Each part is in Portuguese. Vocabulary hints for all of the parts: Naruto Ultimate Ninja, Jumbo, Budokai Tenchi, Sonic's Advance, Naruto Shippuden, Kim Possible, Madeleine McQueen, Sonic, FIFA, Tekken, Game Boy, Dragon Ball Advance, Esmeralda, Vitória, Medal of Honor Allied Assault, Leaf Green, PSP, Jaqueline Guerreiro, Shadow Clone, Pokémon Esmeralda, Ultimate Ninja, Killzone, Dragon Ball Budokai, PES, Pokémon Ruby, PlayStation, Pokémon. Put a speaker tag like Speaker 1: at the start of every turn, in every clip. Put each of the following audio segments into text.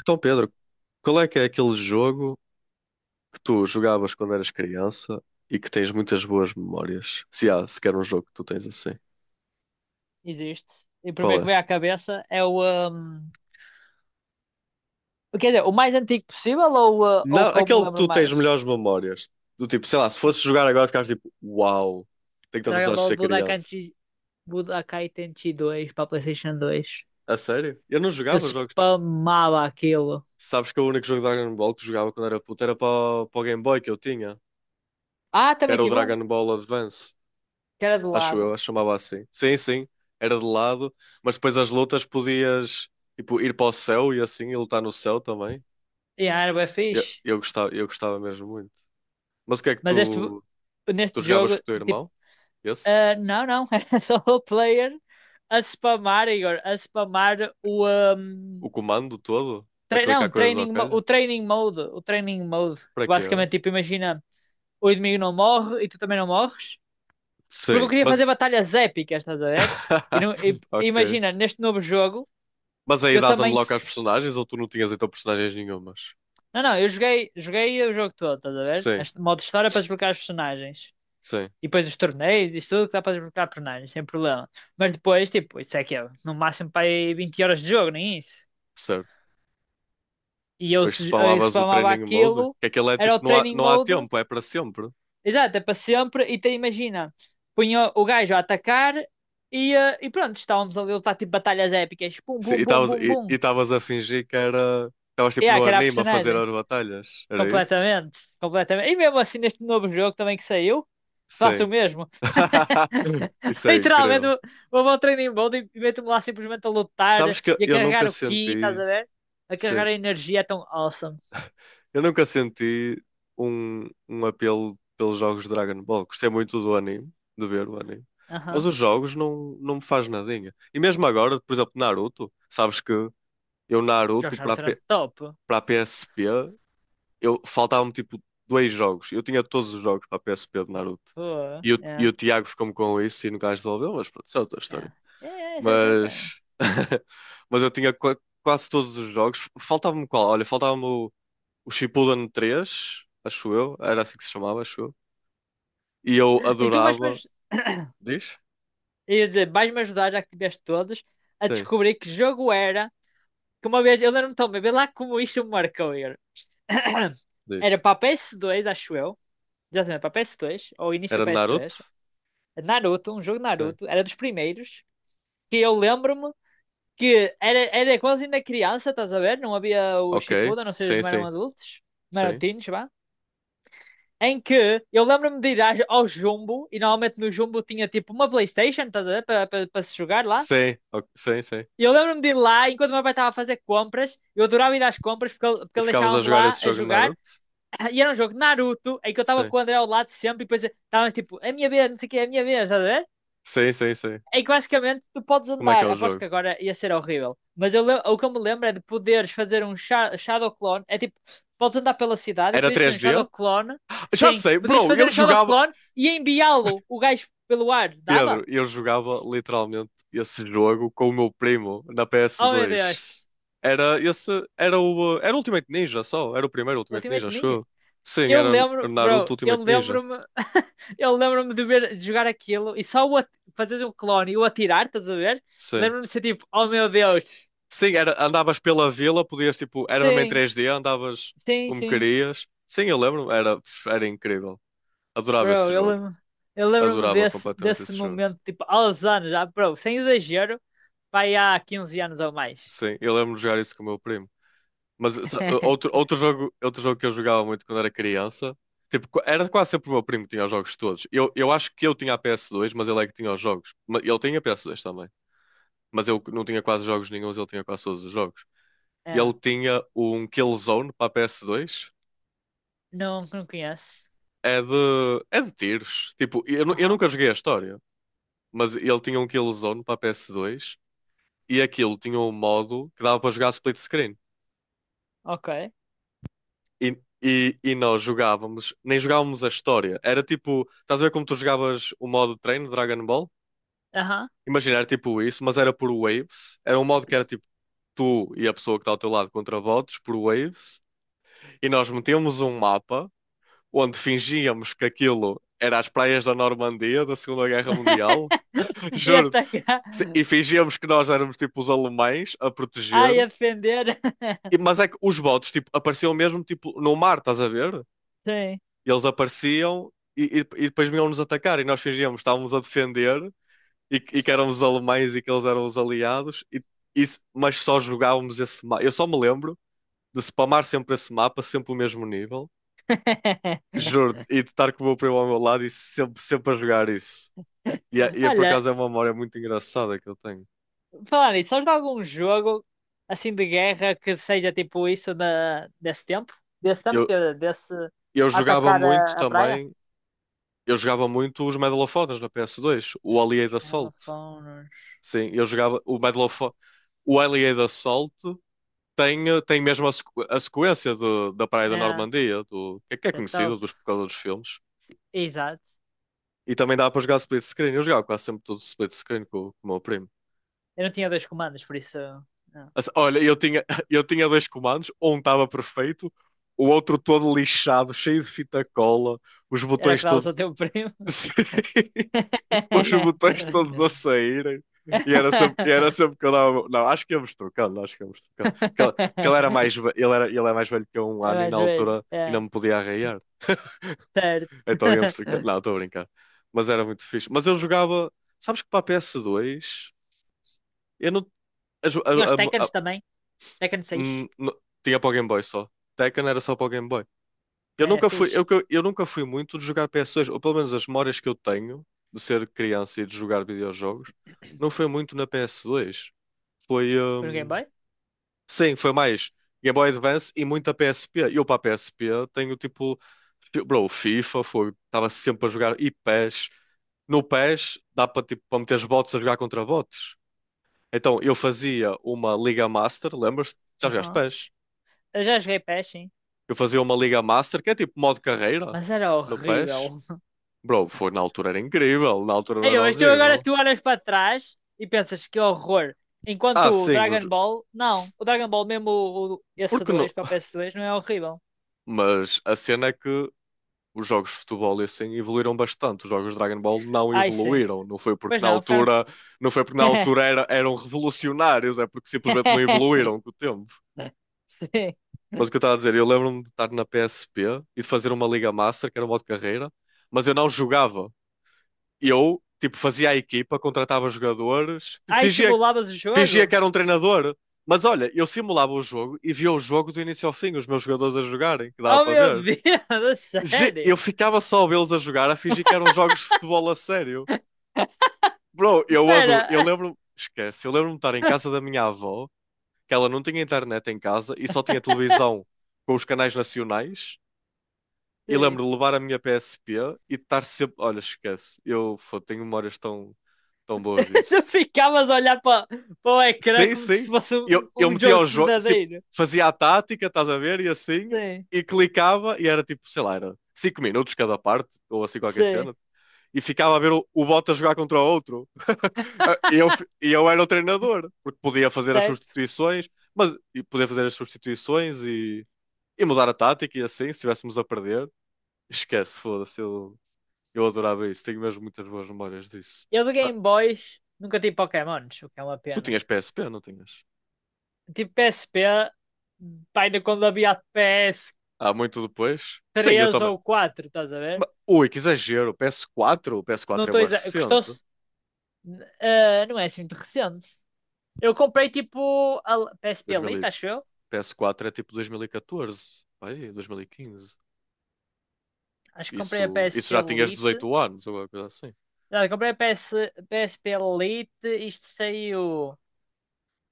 Speaker 1: Então, Pedro, qual é que é aquele jogo que tu jogavas quando eras criança e que tens muitas boas memórias? Se há sequer um jogo que tu tens assim.
Speaker 2: Existe. E o
Speaker 1: Qual
Speaker 2: primeiro que
Speaker 1: é?
Speaker 2: vem à cabeça é o. hum, Quer dizer, o mais antigo possível ou
Speaker 1: Não,
Speaker 2: o que eu me
Speaker 1: aquele que
Speaker 2: lembro
Speaker 1: tu tens
Speaker 2: mais?
Speaker 1: melhores memórias. Do tipo, sei lá, se fosse jogar agora, ficavas tipo, uau, tenho tantas
Speaker 2: Dragon
Speaker 1: horas de
Speaker 2: Ball
Speaker 1: ser
Speaker 2: Budokai,
Speaker 1: criança.
Speaker 2: Budokai Tenchi 2 para PlayStation 2.
Speaker 1: A sério? Eu não
Speaker 2: Eu
Speaker 1: jogava jogos.
Speaker 2: spamava aquilo.
Speaker 1: Sabes que o único jogo de Dragon Ball que jogava quando era puto era para o Game Boy que eu tinha.
Speaker 2: Ah,
Speaker 1: Que
Speaker 2: também
Speaker 1: Era o
Speaker 2: tive um,
Speaker 1: Dragon Ball Advance.
Speaker 2: que era de
Speaker 1: Acho eu,
Speaker 2: lado.
Speaker 1: acho que chamava assim. Sim, sim, era de lado, mas depois as lutas podias tipo, ir para o céu e assim, e lutar no céu também.
Speaker 2: Era bem
Speaker 1: Eu,
Speaker 2: fixe.
Speaker 1: eu gostava, eu gostava mesmo muito. Mas o que é que
Speaker 2: Mas este,
Speaker 1: tu, tu
Speaker 2: neste
Speaker 1: jogavas
Speaker 2: jogo,
Speaker 1: com o teu
Speaker 2: tipo,
Speaker 1: irmão? Esse?
Speaker 2: ah, não, não, era só o player a spamar, Igor, a spamar o. hum,
Speaker 1: O comando todo? A
Speaker 2: não,
Speaker 1: clicar coisas ao
Speaker 2: training,
Speaker 1: calho?
Speaker 2: o training mode. O training mode.
Speaker 1: Para quê?
Speaker 2: Basicamente, tipo, imagina. O inimigo não morre e tu também não morres. Porque eu
Speaker 1: Sim,
Speaker 2: queria
Speaker 1: mas.
Speaker 2: fazer batalhas épicas, estás a ver? E, não- e- e
Speaker 1: Ok.
Speaker 2: imagina, neste novo jogo,
Speaker 1: Mas aí
Speaker 2: eu
Speaker 1: dás
Speaker 2: também.
Speaker 1: unlock às personagens ou tu não tinhas então personagens nenhumas?
Speaker 2: Não, não, eu joguei o jogo todo, estás a ver?
Speaker 1: Sim,
Speaker 2: Este modo de história é para desbloquear os personagens.
Speaker 1: sim,
Speaker 2: E depois os torneios, isso tudo que dá para desbloquear personagens, sem problema. Mas depois, tipo, isso é que é no máximo para aí 20 horas de jogo, nem isso.
Speaker 1: certo.
Speaker 2: E eu,
Speaker 1: Depois
Speaker 2: se- eu
Speaker 1: spamavas o
Speaker 2: spamava
Speaker 1: training mode,
Speaker 2: aquilo,
Speaker 1: que aquele é
Speaker 2: era
Speaker 1: tipo,
Speaker 2: o
Speaker 1: não há,
Speaker 2: training
Speaker 1: não há
Speaker 2: mode.
Speaker 1: tempo, é para sempre.
Speaker 2: Exato, é para sempre. E te imagina, punha o gajo a atacar e pronto, estávamos ali a lutar tipo batalhas épicas. Pum,
Speaker 1: Sim, e
Speaker 2: pum, pum,
Speaker 1: estavas
Speaker 2: pum, pum.
Speaker 1: estavas a fingir que era. Estavas tipo no
Speaker 2: Que era a
Speaker 1: anime a fazer
Speaker 2: personagem.
Speaker 1: as batalhas, era isso?
Speaker 2: Completamente, completamente. E mesmo assim, neste novo jogo também que saiu, faço
Speaker 1: Sim.
Speaker 2: o mesmo.
Speaker 1: Isso é
Speaker 2: Literalmente,
Speaker 1: incrível.
Speaker 2: vou ao training mode e meto-me lá simplesmente a lutar
Speaker 1: Sabes que
Speaker 2: e a
Speaker 1: eu
Speaker 2: carregar
Speaker 1: nunca
Speaker 2: o ki, estás
Speaker 1: senti.
Speaker 2: a ver? A
Speaker 1: Sim.
Speaker 2: carregar a energia é tão awesome.
Speaker 1: Eu nunca senti um apelo pelos jogos de Dragon Ball. Gostei muito do anime, de ver o anime. Mas
Speaker 2: Aham.
Speaker 1: os jogos não, não me faz nadinha. E mesmo agora, por exemplo, Naruto, sabes que eu
Speaker 2: Jogos
Speaker 1: Naruto
Speaker 2: de
Speaker 1: para a
Speaker 2: Naruto eram
Speaker 1: P-
Speaker 2: top.
Speaker 1: para a PSP eu faltavam-me tipo dois jogos. Eu tinha todos os jogos para a PSP de Naruto.
Speaker 2: Pô,
Speaker 1: E, o
Speaker 2: é,
Speaker 1: Tiago ficou-me com isso e nunca mais devolveu, mas pronto, isso é outra
Speaker 2: é.
Speaker 1: história.
Speaker 2: É, é, é, é, é.
Speaker 1: Mas, mas eu tinha quase todos os jogos. Faltava-me qual? Olha, faltava-me o Shippuden 3 acho eu. Era assim que se chamava, acho eu. E eu
Speaker 2: Então, mas,
Speaker 1: adorava.
Speaker 2: mas
Speaker 1: Diz?
Speaker 2: eu ia dizer, vais-me ajudar, já que tiveste todos, a
Speaker 1: Sim,
Speaker 2: descobrir que jogo era. Que uma vez, eu lembro-me tão bem, vê lá como isto me marcou. Igor. Era
Speaker 1: diz.
Speaker 2: para PS2, acho eu. Exatamente, para PS2, ou início
Speaker 1: Era de Naruto?
Speaker 2: PS3. Naruto, um jogo de
Speaker 1: Sim.
Speaker 2: Naruto, era dos primeiros. Que eu lembro-me que era quase ainda criança, estás a ver? Não havia o
Speaker 1: Ok.
Speaker 2: Shippuden, ou seja,
Speaker 1: Sim,
Speaker 2: não eram
Speaker 1: sim.
Speaker 2: adultos, não eram
Speaker 1: Sim.
Speaker 2: teens, vá. Em que eu lembro-me de ir ao Jumbo, e normalmente no Jumbo tinha tipo uma PlayStation, estás a ver? Para se jogar lá.
Speaker 1: Sim, ok, sim, sim.
Speaker 2: E eu lembro-me de ir lá, enquanto o meu pai estava a fazer compras, eu adorava ir às compras porque ele, porque
Speaker 1: E
Speaker 2: ele
Speaker 1: ficavas a
Speaker 2: deixava-me
Speaker 1: jogar
Speaker 2: lá
Speaker 1: esse
Speaker 2: a
Speaker 1: jogo de
Speaker 2: jogar.
Speaker 1: Naruto?
Speaker 2: E era um jogo de Naruto, em que eu estava
Speaker 1: Sim.
Speaker 2: com o André ao lado sempre, e depois estava tipo, é a minha vez, não sei o que, é a minha vez, estás a ver?
Speaker 1: Sim, sim, sim.
Speaker 2: Em que basicamente tu podes
Speaker 1: Como é que é
Speaker 2: andar,
Speaker 1: o
Speaker 2: aposto que
Speaker 1: jogo?
Speaker 2: agora ia ser horrível, mas o que eu me lembro é de poderes fazer um Shadow Clone, é tipo, podes andar pela cidade e
Speaker 1: Era
Speaker 2: podias fazer um
Speaker 1: 3D?
Speaker 2: Shadow Clone,
Speaker 1: Já
Speaker 2: sim,
Speaker 1: sei,
Speaker 2: podias
Speaker 1: bro,
Speaker 2: fazer
Speaker 1: eu
Speaker 2: um Shadow
Speaker 1: jogava.
Speaker 2: Clone e enviá-lo, o gajo, pelo ar, dava?
Speaker 1: Pedro, eu jogava literalmente esse jogo com o meu primo na
Speaker 2: Oh meu
Speaker 1: PS2.
Speaker 2: Deus!
Speaker 1: Era esse. Era o. Era Ultimate Ninja só. Era o primeiro Ultimate
Speaker 2: Ultimate
Speaker 1: Ninja, acho
Speaker 2: Ninja?
Speaker 1: eu. Sim,
Speaker 2: Eu
Speaker 1: era o
Speaker 2: lembro,
Speaker 1: Naruto
Speaker 2: bro, eu
Speaker 1: Ultimate Ninja.
Speaker 2: lembro-me, eu lembro-me de ver, de jogar aquilo e só o fazer um clone e o atirar, estás a ver?
Speaker 1: Sim.
Speaker 2: Lembro-me de ser tipo, oh meu Deus.
Speaker 1: Sim, era, andavas pela vila, podias tipo. Era mesmo em
Speaker 2: Sim,
Speaker 1: 3D, andavas
Speaker 2: sim,
Speaker 1: como
Speaker 2: sim.
Speaker 1: querias. Sim, eu lembro. Era, era incrível. Adorava esse
Speaker 2: Bro, eu
Speaker 1: jogo.
Speaker 2: lembro, eu lembro-me
Speaker 1: Adorava
Speaker 2: desse,
Speaker 1: completamente
Speaker 2: desse
Speaker 1: esse jogo.
Speaker 2: momento, tipo, há uns anos, já, bro, sem exagero, vai há 15 anos ou mais.
Speaker 1: Sim, eu lembro de jogar isso com o meu primo. Mas outro jogo que eu jogava muito quando era criança, tipo, era quase sempre o meu primo que tinha os jogos todos. Eu acho que eu tinha a PS2, mas ele é que tinha os jogos. Ele tinha a PS2 também, mas eu não tinha quase jogos nenhuns, ele tinha quase todos os jogos. Ele
Speaker 2: É,
Speaker 1: tinha um Killzone para a PS2,
Speaker 2: não, não conheço.
Speaker 1: é de tiros. Tipo, eu
Speaker 2: Aham,
Speaker 1: nunca joguei a história, mas ele tinha um Killzone para a PS2 e aquilo tinha um modo que dava para jogar split screen.
Speaker 2: ok.
Speaker 1: Nós jogávamos, nem jogávamos a história. Era tipo, estás a ver como tu jogavas o modo de treino, Dragon Ball?
Speaker 2: Aham.
Speaker 1: Imagina, era tipo isso, mas era por waves. Era um modo que era tipo tu e a pessoa que está ao teu lado contra votos por waves. E nós metíamos um mapa onde fingíamos que aquilo era as praias da Normandia da Segunda Guerra Mundial.
Speaker 2: E
Speaker 1: Juro.
Speaker 2: atacar.
Speaker 1: E fingíamos que nós éramos tipo os alemães a proteger.
Speaker 2: Ai, a defender.
Speaker 1: Mas é que os votos tipo, apareciam mesmo tipo, no mar, estás a ver?
Speaker 2: Sim.
Speaker 1: Eles apareciam e depois vinham-nos atacar e nós fingíamos que estávamos a defender e que éramos os alemães e que eles eram os aliados, e, mas só jogávamos esse mapa. Eu só me lembro de spamar sempre esse mapa, sempre o mesmo nível, juro, e de estar com o meu primo ao meu lado e sempre, sempre a jogar isso. E é por
Speaker 2: Olha,
Speaker 1: acaso é uma memória muito engraçada que eu tenho.
Speaker 2: falar nisso, sabes de algum jogo assim de guerra que seja tipo isso na, desse tempo? Desse tempo,
Speaker 1: Eu,
Speaker 2: quer dizer, desse
Speaker 1: eu jogava
Speaker 2: atacar
Speaker 1: muito
Speaker 2: a praia?
Speaker 1: também, eu jogava muito os Medal of Honors na PS2, o Allied Assault.
Speaker 2: Megafonos.
Speaker 1: Sim, eu jogava o Medal of Honor. O Alien Assault tem, tem mesmo a, a sequência da Praia da
Speaker 2: É,
Speaker 1: Normandia, do, que é
Speaker 2: é
Speaker 1: conhecida
Speaker 2: top.
Speaker 1: dos por causa dos filmes.
Speaker 2: Exato.
Speaker 1: E também dá para jogar split screen. Eu jogava quase sempre tudo split screen com o meu primo.
Speaker 2: Eu não tinha dois comandos, por isso. Não.
Speaker 1: Assim, olha, eu tinha, eu tinha dois comandos, um estava perfeito, o outro todo lixado, cheio de fita cola, os
Speaker 2: Era o
Speaker 1: botões
Speaker 2: que dava ao
Speaker 1: todos.
Speaker 2: teu primo.
Speaker 1: Os botões todos a saírem. E era sempre que eu dava. Não, acho que íamos trocando. Porque ele era mais, ele era, ele é mais velho que eu um
Speaker 2: É
Speaker 1: ano e
Speaker 2: mais
Speaker 1: na
Speaker 2: velho.
Speaker 1: altura ainda
Speaker 2: É,
Speaker 1: me podia arraiar.
Speaker 2: certo.
Speaker 1: Então íamos ficar. Não, estou a brincar. Mas era muito fixe. Mas eu jogava. Sabes que para a PS2 eu não. a jo-
Speaker 2: Tinha os Tekkens
Speaker 1: a-
Speaker 2: também. Tekken 6.
Speaker 1: hum, não- tinha para o Game Boy só. Tekken era só para o Game Boy. Eu
Speaker 2: É,
Speaker 1: nunca fui,
Speaker 2: fixe.
Speaker 1: eu nunca fui muito de jogar PS2, ou pelo menos as memórias que eu tenho de ser criança e de jogar videojogos, não foi muito na PS2. Foi.
Speaker 2: Foi no Game Boy?
Speaker 1: Sim, foi mais Game Boy Advance e muita PSP. Eu para a PSP tenho tipo, bro, FIFA, foi, estava sempre a jogar e PES. No PES dá para tipo, para meter os bots a jogar contra bots. Então eu fazia uma Liga Master, lembras-te? Já jogaste
Speaker 2: Aham.
Speaker 1: PES?
Speaker 2: Eu já joguei PES, sim.
Speaker 1: Eu fazia uma Liga Master, que é tipo modo carreira
Speaker 2: Mas era
Speaker 1: no PES.
Speaker 2: horrível.
Speaker 1: Bro, foi na altura era incrível, na altura não
Speaker 2: Ei,
Speaker 1: era
Speaker 2: mas tu agora
Speaker 1: horrível.
Speaker 2: tu olhas para trás e pensas que horror. Enquanto
Speaker 1: Ah,
Speaker 2: o
Speaker 1: sim,
Speaker 2: Dragon Ball, não. O Dragon Ball, mesmo esse
Speaker 1: porque no...
Speaker 2: 2 para o ps dois não é horrível.
Speaker 1: mas a cena é que os jogos de futebol e assim evoluíram bastante. Os jogos de Dragon Ball não
Speaker 2: Ai, sim.
Speaker 1: evoluíram. Não foi porque
Speaker 2: Pois
Speaker 1: na
Speaker 2: não, ficaram.
Speaker 1: altura, não foi porque na altura era, eram revolucionários, é porque simplesmente não evoluíram com o tempo.
Speaker 2: Sim.
Speaker 1: Mas o que eu estava a dizer, eu lembro-me de estar na PSP e de fazer uma Liga Master, que era um modo de carreira, mas eu não jogava. Eu, tipo, fazia a equipa, contratava jogadores, tipo,
Speaker 2: Ai,
Speaker 1: fingia,
Speaker 2: simulavas o
Speaker 1: fingia
Speaker 2: jogo?
Speaker 1: que era um treinador. Mas olha, eu simulava o jogo e via o jogo do início ao fim, os meus jogadores a jogarem, que dava
Speaker 2: Oh,
Speaker 1: para
Speaker 2: meu
Speaker 1: ver.
Speaker 2: Deus, a
Speaker 1: Eu
Speaker 2: sério?
Speaker 1: ficava só a vê-los a jogar, a fingir que eram jogos de futebol a sério. Bro, eu adoro. Eu
Speaker 2: Espera.
Speaker 1: lembro, esquece, eu lembro-me de estar em casa da minha avó, que ela não tinha internet em casa e só tinha televisão com os canais nacionais. E
Speaker 2: Sim.
Speaker 1: lembro de levar a minha PSP e de estar sempre. Olha, esquece, eu fô, tenho memórias tão, tão boas
Speaker 2: Tu
Speaker 1: disso.
Speaker 2: ficavas a olhar para o ecrã
Speaker 1: Sim,
Speaker 2: como se
Speaker 1: sim.
Speaker 2: fosse um,
Speaker 1: Eu
Speaker 2: um
Speaker 1: metia
Speaker 2: jogo
Speaker 1: os jogos, tipo,
Speaker 2: verdadeiro.
Speaker 1: fazia a tática, estás a ver, e assim,
Speaker 2: Sim,
Speaker 1: e clicava, e era tipo, sei lá, era 5 minutos cada parte, ou assim qualquer
Speaker 2: sim,
Speaker 1: cena. E ficava a ver o Bottas jogar contra o outro. Ah, eu era o treinador, porque podia fazer as
Speaker 2: certo?
Speaker 1: substituições, mas podia fazer as substituições e mudar a tática e assim, se estivéssemos a perder. Esquece, foda-se, eu adorava isso. Tenho mesmo muitas boas memórias disso.
Speaker 2: Eu de
Speaker 1: Ah,
Speaker 2: Game Boys nunca tive Pokémons, o que é uma
Speaker 1: tu
Speaker 2: pena.
Speaker 1: tinhas PSP, não tinhas?
Speaker 2: Tipo PSP, pá, ainda quando havia ps
Speaker 1: Há muito depois? Sim, eu
Speaker 2: três
Speaker 1: também.
Speaker 2: ou quatro estás a ver?
Speaker 1: Ui, que exagero. PS4, o
Speaker 2: Não
Speaker 1: PS4 é
Speaker 2: estou
Speaker 1: bué
Speaker 2: exagerando.
Speaker 1: recente.
Speaker 2: Custou-se. Não é assim muito recente. Eu comprei tipo a PSP
Speaker 1: 2000,
Speaker 2: Lite,
Speaker 1: e-
Speaker 2: acho eu.
Speaker 1: PS4 é tipo 2014, aí, 2015.
Speaker 2: Acho que comprei a
Speaker 1: Isso, isso
Speaker 2: PSP
Speaker 1: já tinhas
Speaker 2: Lite.
Speaker 1: 18 anos, ou alguma coisa assim.
Speaker 2: Não, eu comprei a PS, PSP Lite. Isto saiu.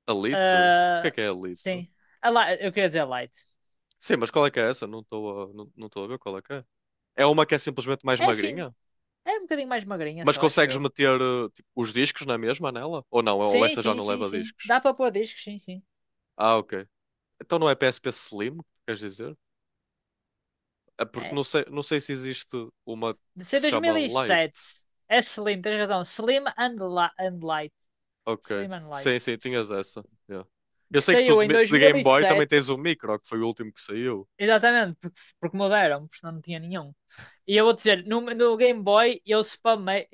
Speaker 1: Alito? O
Speaker 2: Ah,
Speaker 1: que é Alito?
Speaker 2: sim. Eu queria dizer Lite.
Speaker 1: Sim, mas qual é que é essa? Não, não estou a ver qual é que é. É uma que é simplesmente mais
Speaker 2: É, enfim,
Speaker 1: magrinha?
Speaker 2: é um bocadinho mais magrinha,
Speaker 1: Mas
Speaker 2: só acho
Speaker 1: consegues
Speaker 2: eu.
Speaker 1: meter eh, tipo, os discos na mesma nela? Ou não? Ou
Speaker 2: Sim,
Speaker 1: essa já
Speaker 2: sim,
Speaker 1: não
Speaker 2: sim,
Speaker 1: leva
Speaker 2: sim.
Speaker 1: discos?
Speaker 2: Dá para pôr discos, sim, sim.
Speaker 1: Ah, ok. Então não é PSP Slim, queres dizer? É porque
Speaker 2: É?
Speaker 1: não sei, não sei se existe uma
Speaker 2: De
Speaker 1: que
Speaker 2: ser
Speaker 1: se chama
Speaker 2: 2007.
Speaker 1: Lite.
Speaker 2: É Slim, tens razão. Slim and Light.
Speaker 1: Ok.
Speaker 2: Slim and Light.
Speaker 1: Sim, sim, tinhas essa. Yeah. Eu
Speaker 2: Que
Speaker 1: sei que tu
Speaker 2: saiu em
Speaker 1: de Game Boy também
Speaker 2: 2007.
Speaker 1: tens o Micro, que foi o último que saiu.
Speaker 2: Exatamente, porque mudaram, porque senão não tinha nenhum. E eu vou dizer, no Game Boy eu spamei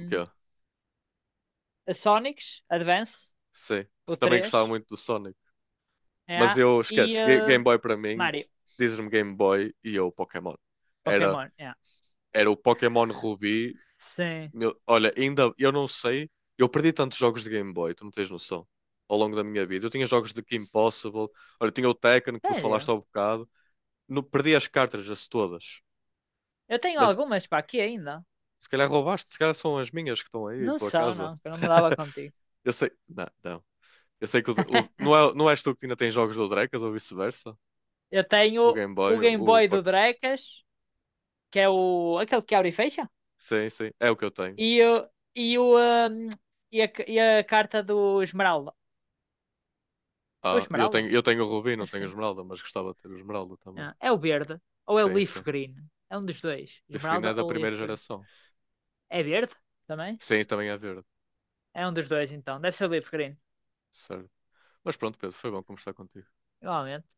Speaker 1: O quê?
Speaker 2: a Sonic's Advance,
Speaker 1: Sim.
Speaker 2: o
Speaker 1: Também gostava
Speaker 2: três
Speaker 1: muito do Sonic. Mas
Speaker 2: yeah,
Speaker 1: eu
Speaker 2: e
Speaker 1: esquece,
Speaker 2: ah,
Speaker 1: Game Boy para mim,
Speaker 2: Mario,
Speaker 1: dizes-me Game Boy e eu Pokémon. Era,
Speaker 2: Pokémon, yeah.
Speaker 1: era o Pokémon Ruby.
Speaker 2: Sim.
Speaker 1: Meu, olha, ainda eu não sei, eu perdi tantos jogos de Game Boy, tu não tens noção, ao longo da minha vida. Eu tinha jogos de Kim Possible, olha, tinha o Tekken que tu falaste
Speaker 2: Sério?
Speaker 1: há bocado. No, perdi as cartas as todas,
Speaker 2: Eu tenho
Speaker 1: mas
Speaker 2: algumas para aqui ainda.
Speaker 1: se calhar roubaste, se calhar são as minhas que estão aí em
Speaker 2: Não
Speaker 1: tua
Speaker 2: são,
Speaker 1: casa.
Speaker 2: não, que eu não me dava contigo.
Speaker 1: Eu sei, não, não. Eu sei que não, é, não és tu que ainda tens jogos do Drecas ou vice-versa?
Speaker 2: Eu
Speaker 1: O
Speaker 2: tenho
Speaker 1: Game Boy,
Speaker 2: o Game
Speaker 1: o
Speaker 2: Boy do
Speaker 1: Pac-
Speaker 2: Drecas, que é o aquele que abre e fecha,
Speaker 1: Sim, sim, é o que eu tenho.
Speaker 2: e, o- e, o, hum, e a carta do Esmeralda. É o
Speaker 1: Ah,
Speaker 2: Esmeralda?
Speaker 1: eu tenho o Rubi, não
Speaker 2: Acho que
Speaker 1: tenho o
Speaker 2: sim.
Speaker 1: Esmeralda, mas gostava de ter o Esmeralda também.
Speaker 2: Ah, é o verde. Ou é o
Speaker 1: Sim,
Speaker 2: Leaf
Speaker 1: sim.
Speaker 2: Green. É um dos dois.
Speaker 1: Biferina é
Speaker 2: Esmeralda
Speaker 1: da
Speaker 2: ou
Speaker 1: primeira
Speaker 2: Leaf Green.
Speaker 1: geração.
Speaker 2: É verde também?
Speaker 1: Sim, também é verde.
Speaker 2: É um dos dois então. Deve ser o Leaf Green.
Speaker 1: Certo. Mas pronto, Pedro, foi bom conversar contigo.
Speaker 2: Igualmente.